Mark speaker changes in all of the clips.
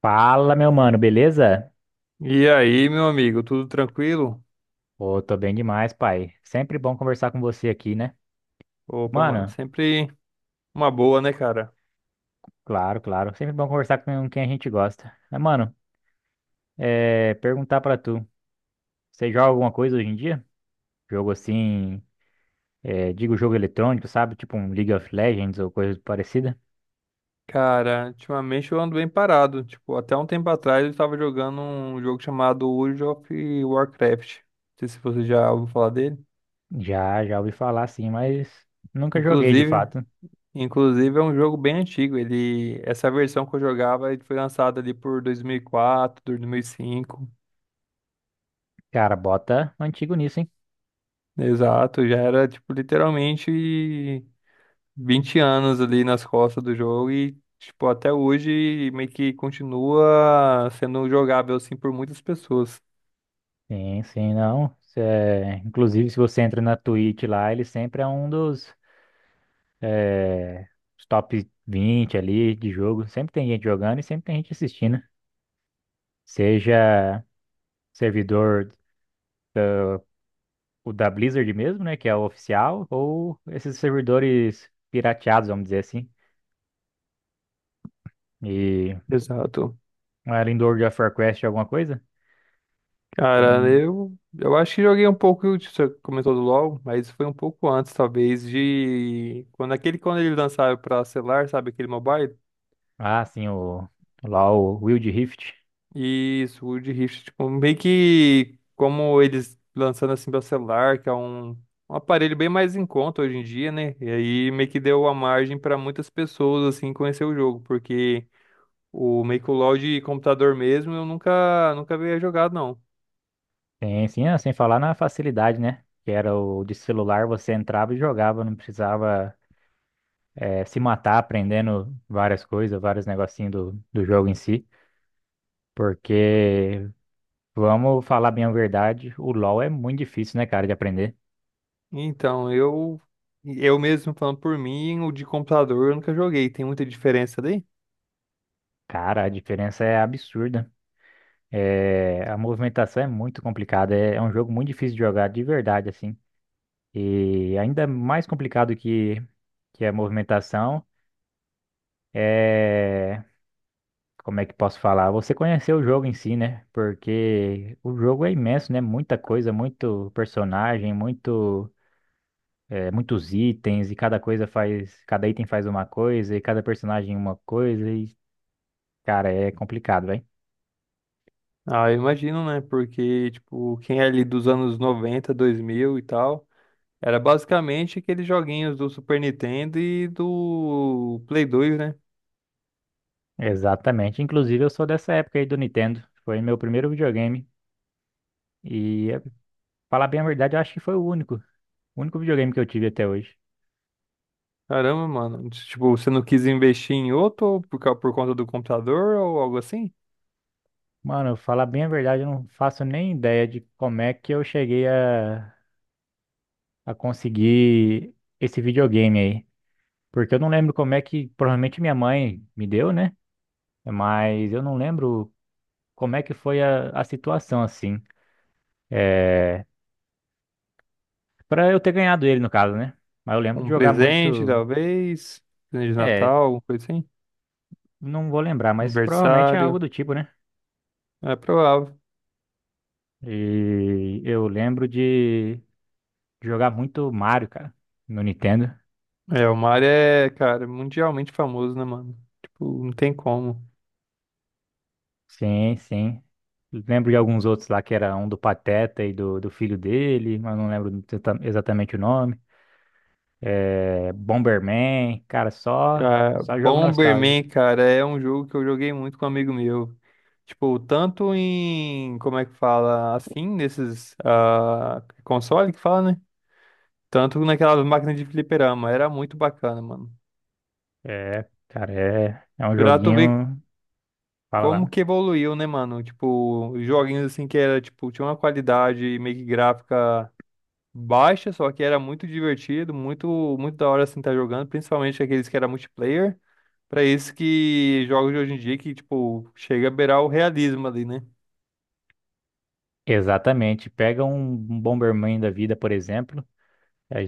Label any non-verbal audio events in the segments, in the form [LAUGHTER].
Speaker 1: Fala, meu mano, beleza?
Speaker 2: E aí, meu amigo, tudo tranquilo?
Speaker 1: Pô, tô bem demais, pai. Sempre bom conversar com você aqui, né?
Speaker 2: Opa, mano,
Speaker 1: Mano,
Speaker 2: sempre uma boa, né, cara?
Speaker 1: claro, claro. Sempre bom conversar com quem a gente gosta. Mas, mano, perguntar pra tu, você joga alguma coisa hoje em dia? Jogo assim, digo jogo eletrônico, sabe? Tipo um League of Legends ou coisa parecida?
Speaker 2: Cara, ultimamente eu ando bem parado. Tipo, até um tempo atrás eu estava jogando um jogo chamado World of Warcraft. Não sei se você já ouviu falar dele.
Speaker 1: Já ouvi falar assim, mas nunca joguei de
Speaker 2: Inclusive,
Speaker 1: fato.
Speaker 2: inclusive, é um jogo bem antigo. Ele, essa versão que eu jogava, ele foi lançada ali por 2004, 2005.
Speaker 1: Cara, bota um antigo nisso, hein?
Speaker 2: Exato, já era tipo literalmente 20 anos ali nas costas do jogo e, tipo, até hoje meio que continua sendo jogável, assim, por muitas pessoas.
Speaker 1: Sim, sim, não. Inclusive, se você entra na Twitch lá, ele sempre é um dos os top 20 ali de jogo. Sempre tem gente jogando e sempre tem gente assistindo. Seja servidor, o da Blizzard mesmo, né, que é o oficial, ou esses servidores pirateados, vamos dizer assim. E
Speaker 2: Exato.
Speaker 1: além do World of Warcraft alguma coisa? Ou,
Speaker 2: Cara, eu acho que joguei um pouco, você comentou do LoL, mas foi um pouco antes, talvez, de... Quando aquele, quando ele lançaram pra celular, sabe, aquele mobile?
Speaker 1: ah, sim, o Wild Rift.
Speaker 2: Isso, Wood Rift, tipo, meio que como eles lançando assim para celular, que é um aparelho bem mais em conta hoje em dia, né? E aí meio que deu a margem para muitas pessoas assim conhecer o jogo, porque o meio que o LoL de computador mesmo eu nunca havia jogado não.
Speaker 1: Sim, sim, ah, sem falar na facilidade, né? Que era o de celular, você entrava e jogava, não precisava se matar aprendendo várias coisas, vários negocinhos do jogo em si. Porque, vamos falar bem a verdade, o LoL é muito difícil, né, cara, de aprender.
Speaker 2: Então, eu mesmo falando por mim, o de computador eu nunca joguei, tem muita diferença daí?
Speaker 1: Cara, a diferença é absurda. É, a movimentação é muito complicada. É um jogo muito difícil de jogar, de verdade, assim. E ainda mais complicado que a movimentação é. Como é que posso falar? Você conhecer o jogo em si, né? Porque o jogo é imenso, né? Muita coisa, muito personagem, muito. Muitos itens e cada coisa faz, cada item faz uma coisa e cada personagem uma coisa e, cara, é complicado, velho.
Speaker 2: Ah, eu imagino, né? Porque tipo, quem é ali dos anos 90 2000 e tal, era basicamente aqueles joguinhos do Super Nintendo e do Play 2, né?
Speaker 1: Exatamente. Inclusive, eu sou dessa época aí do Nintendo. Foi meu primeiro videogame e, falar bem a verdade, eu acho que foi o único videogame que eu tive até hoje.
Speaker 2: Caramba, mano. Tipo, você não quis investir em outro por conta do computador ou algo assim?
Speaker 1: Mano, falar bem a verdade, eu não faço nem ideia de como é que eu cheguei a conseguir esse videogame aí. Porque eu não lembro como é que, provavelmente minha mãe me deu, né? Mas eu não lembro como é que foi a situação, assim. É, para eu ter ganhado ele, no caso, né? Mas eu
Speaker 2: Tipo,
Speaker 1: lembro de
Speaker 2: um
Speaker 1: jogar
Speaker 2: presente,
Speaker 1: muito.
Speaker 2: talvez. Presente de
Speaker 1: É,
Speaker 2: Natal, alguma coisa assim.
Speaker 1: não vou lembrar, mas provavelmente é algo
Speaker 2: Aniversário.
Speaker 1: do tipo, né?
Speaker 2: É provável.
Speaker 1: E eu lembro de jogar muito Mario, cara, no Nintendo.
Speaker 2: É, o Mario é, cara, mundialmente famoso, né, mano? Tipo, não tem como.
Speaker 1: Sim, sim. Lembro de alguns outros lá que era um do Pateta e do filho dele, mas não lembro exatamente o nome. É, Bomberman, cara, só,
Speaker 2: Cara,
Speaker 1: só jogo nostálgico.
Speaker 2: Bomberman, cara, é um jogo que eu joguei muito com um amigo meu. Tipo, tanto em, como é que fala, assim, nesses console que fala, né? Tanto naquela máquina de fliperama, era muito bacana, mano.
Speaker 1: É, cara, é um
Speaker 2: Pra tu ver
Speaker 1: joguinho. Fala
Speaker 2: como
Speaker 1: lá.
Speaker 2: que evoluiu, né, mano? Tipo, joguinhos assim que era, tipo, tinha uma qualidade meio que gráfica baixa, só que era muito divertido, muito, muito da hora assim estar jogando, principalmente aqueles que era multiplayer. Pra isso que jogos de hoje em dia que, tipo, chega a beirar o realismo ali, né?
Speaker 1: Exatamente. Pega um Bomberman da vida, por exemplo. A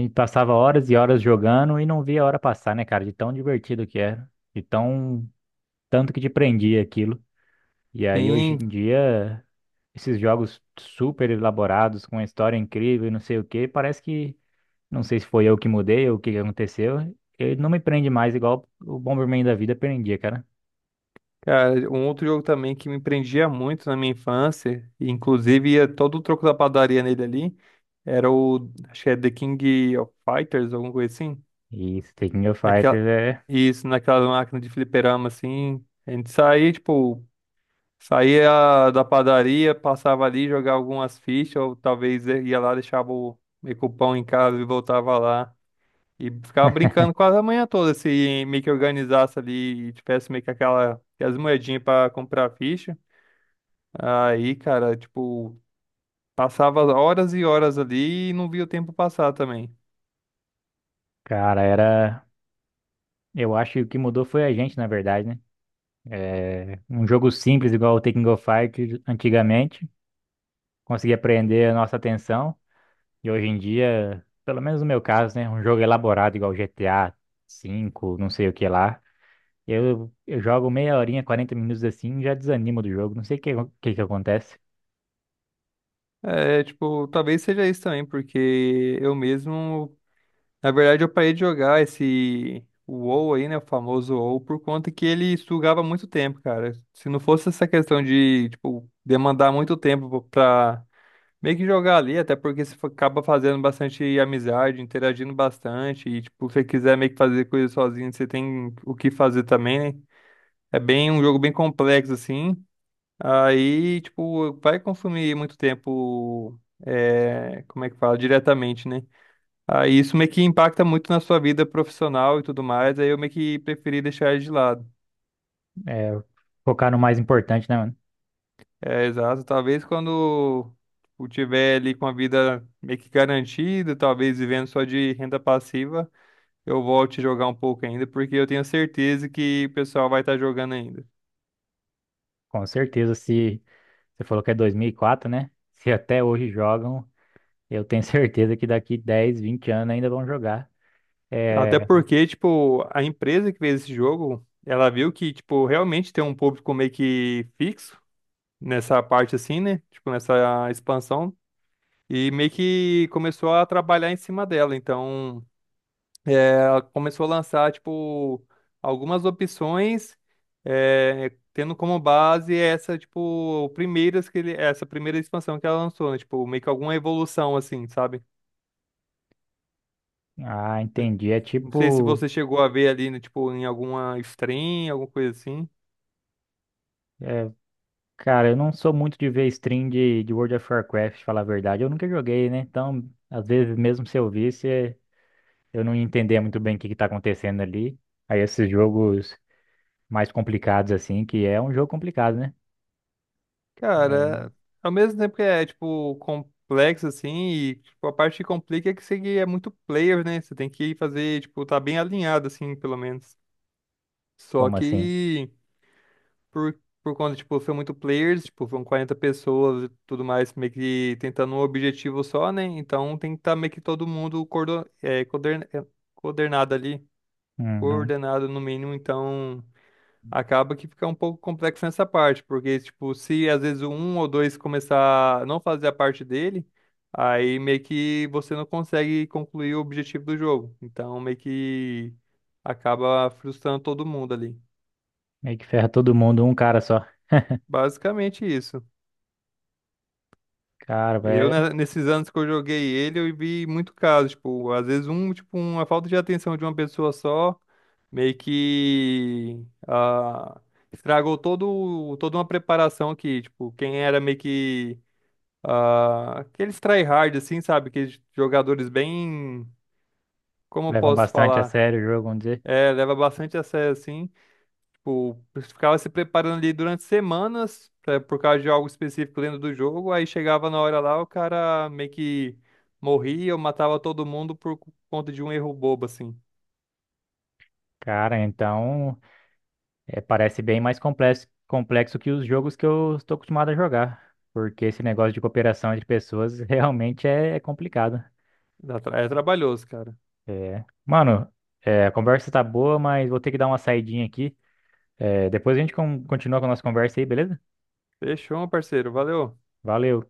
Speaker 1: gente passava horas e horas jogando e não via a hora passar, né, cara? De tão divertido que era. Tanto que te prendia aquilo. E aí, hoje
Speaker 2: Sim,
Speaker 1: em dia, esses jogos super elaborados, com uma história incrível e não sei o quê, parece que. Não sei se foi eu que mudei ou o que que aconteceu. Ele não me prende mais igual o Bomberman da vida prendia, cara.
Speaker 2: cara, um outro jogo também que me prendia muito na minha infância, e inclusive ia todo o troco da padaria nele ali, era o, acho que é The King of Fighters, alguma coisa assim.
Speaker 1: E esse King of
Speaker 2: Naquela,
Speaker 1: Fighters é.
Speaker 2: isso, naquela máquina de fliperama, assim. A gente saía, tipo, saía da padaria, passava ali, jogava algumas fichas, ou talvez ia lá, deixava o meio que o pão em casa e voltava lá. E ficava brincando quase a manhã toda, se meio que organizasse ali e tivesse meio que aquela, aquelas moedinhas pra comprar ficha. Aí, cara, tipo, passava horas e horas ali e não via o tempo passar também.
Speaker 1: Cara, era. Eu acho que o que mudou foi a gente, na verdade, né? É, um jogo simples, igual o Tekken of Fighters antigamente, conseguia prender a nossa atenção. E hoje em dia, pelo menos no meu caso, né? Um jogo elaborado, igual GTA 5 não sei o que lá. Eu jogo meia horinha, 40 minutos assim, já desanimo do jogo. Não sei o que que acontece.
Speaker 2: É, tipo, talvez seja isso também, porque eu mesmo, na verdade, eu parei de jogar esse o WoW aí, né, o famoso WoW, por conta que ele sugava muito tempo, cara. Se não fosse essa questão de, tipo, demandar muito tempo pra meio que jogar ali, até porque você acaba fazendo bastante amizade, interagindo bastante, e tipo, se você quiser meio que fazer coisa sozinho, você tem o que fazer também, né? É bem um jogo bem complexo, assim. Aí, tipo, vai consumir muito tempo, é, como é que fala, diretamente, né? Aí isso meio que impacta muito na sua vida profissional e tudo mais, aí eu meio que preferi deixar ele de lado.
Speaker 1: É, focar no mais importante, né, mano?
Speaker 2: É, exato. Talvez quando tipo, tiver ali com a vida meio que garantida, talvez vivendo só de renda passiva, eu volte a jogar um pouco ainda, porque eu tenho certeza que o pessoal vai estar jogando ainda.
Speaker 1: Com certeza, se você falou que é 2004, né? [LAUGHS] Se até hoje jogam, eu tenho certeza que daqui 10 20 anos ainda vão jogar. É.
Speaker 2: Até porque, tipo, a empresa que fez esse jogo, ela viu que, tipo, realmente tem um público meio que fixo nessa parte assim, né? Tipo, nessa expansão. E meio que começou a trabalhar em cima dela. Então, é, ela começou a lançar, tipo, algumas opções, é, tendo como base essa, tipo, primeiras que ele, essa primeira expansão que ela lançou, né? Tipo, meio que alguma evolução, assim, sabe?
Speaker 1: Ah, entendi. É
Speaker 2: Não sei se
Speaker 1: tipo.
Speaker 2: você chegou a ver ali, né, tipo, em alguma stream, alguma coisa assim.
Speaker 1: é, Cara, eu não sou muito de ver stream de World of Warcraft, falar a verdade. Eu nunca joguei, né? Então, às vezes, mesmo se eu visse, eu não entendia muito bem o que que tá acontecendo ali. Aí, esses jogos mais complicados, assim, que é um jogo complicado, né? É,
Speaker 2: Cara, ao mesmo tempo que é, tipo, complexo, assim, e tipo, a parte que complica é que você é muito player, né? Você tem que fazer, tipo, tá bem alinhado, assim, pelo menos. Só
Speaker 1: como assim?
Speaker 2: que, por, por conta, tipo, são muito players, tipo, são 40 pessoas e tudo mais, meio que tentando um objetivo só, né? Então tem que estar meio que todo mundo coordenado, coordenado ali,
Speaker 1: Uhum.
Speaker 2: coordenado no mínimo, então, acaba que fica um pouco complexo nessa parte, porque, tipo, se às vezes um ou dois começar a não fazer a parte dele, aí meio que você não consegue concluir o objetivo do jogo. Então, meio que acaba frustrando todo mundo ali.
Speaker 1: Meio que ferra todo mundo, um cara só.
Speaker 2: Basicamente isso.
Speaker 1: Cara,
Speaker 2: Eu,
Speaker 1: é,
Speaker 2: né, nesses anos que eu joguei ele, eu vi muito caso, tipo, às vezes um, tipo, uma falta de atenção de uma pessoa só, meio que estragou todo, toda uma preparação que, tipo, quem era meio que aqueles tryhard, assim, sabe? Aqueles jogadores bem. Como eu
Speaker 1: levam
Speaker 2: posso
Speaker 1: bastante a
Speaker 2: falar?
Speaker 1: sério o jogo, vamos dizer.
Speaker 2: É, leva bastante a sério, assim. Tipo, ficava se preparando ali durante semanas, por causa de algo específico dentro do jogo. Aí chegava na hora lá, o cara meio que morria ou matava todo mundo por conta de um erro bobo, assim.
Speaker 1: Cara, então. É, parece bem mais complexo que os jogos que eu estou acostumado a jogar. Porque esse negócio de cooperação entre pessoas [LAUGHS] realmente é complicado.
Speaker 2: É trabalhoso, cara.
Speaker 1: É. Mano, a conversa tá boa, mas vou ter que dar uma saidinha aqui. É, depois a gente continua com a nossa conversa aí, beleza?
Speaker 2: Fechou, meu parceiro. Valeu.
Speaker 1: Valeu.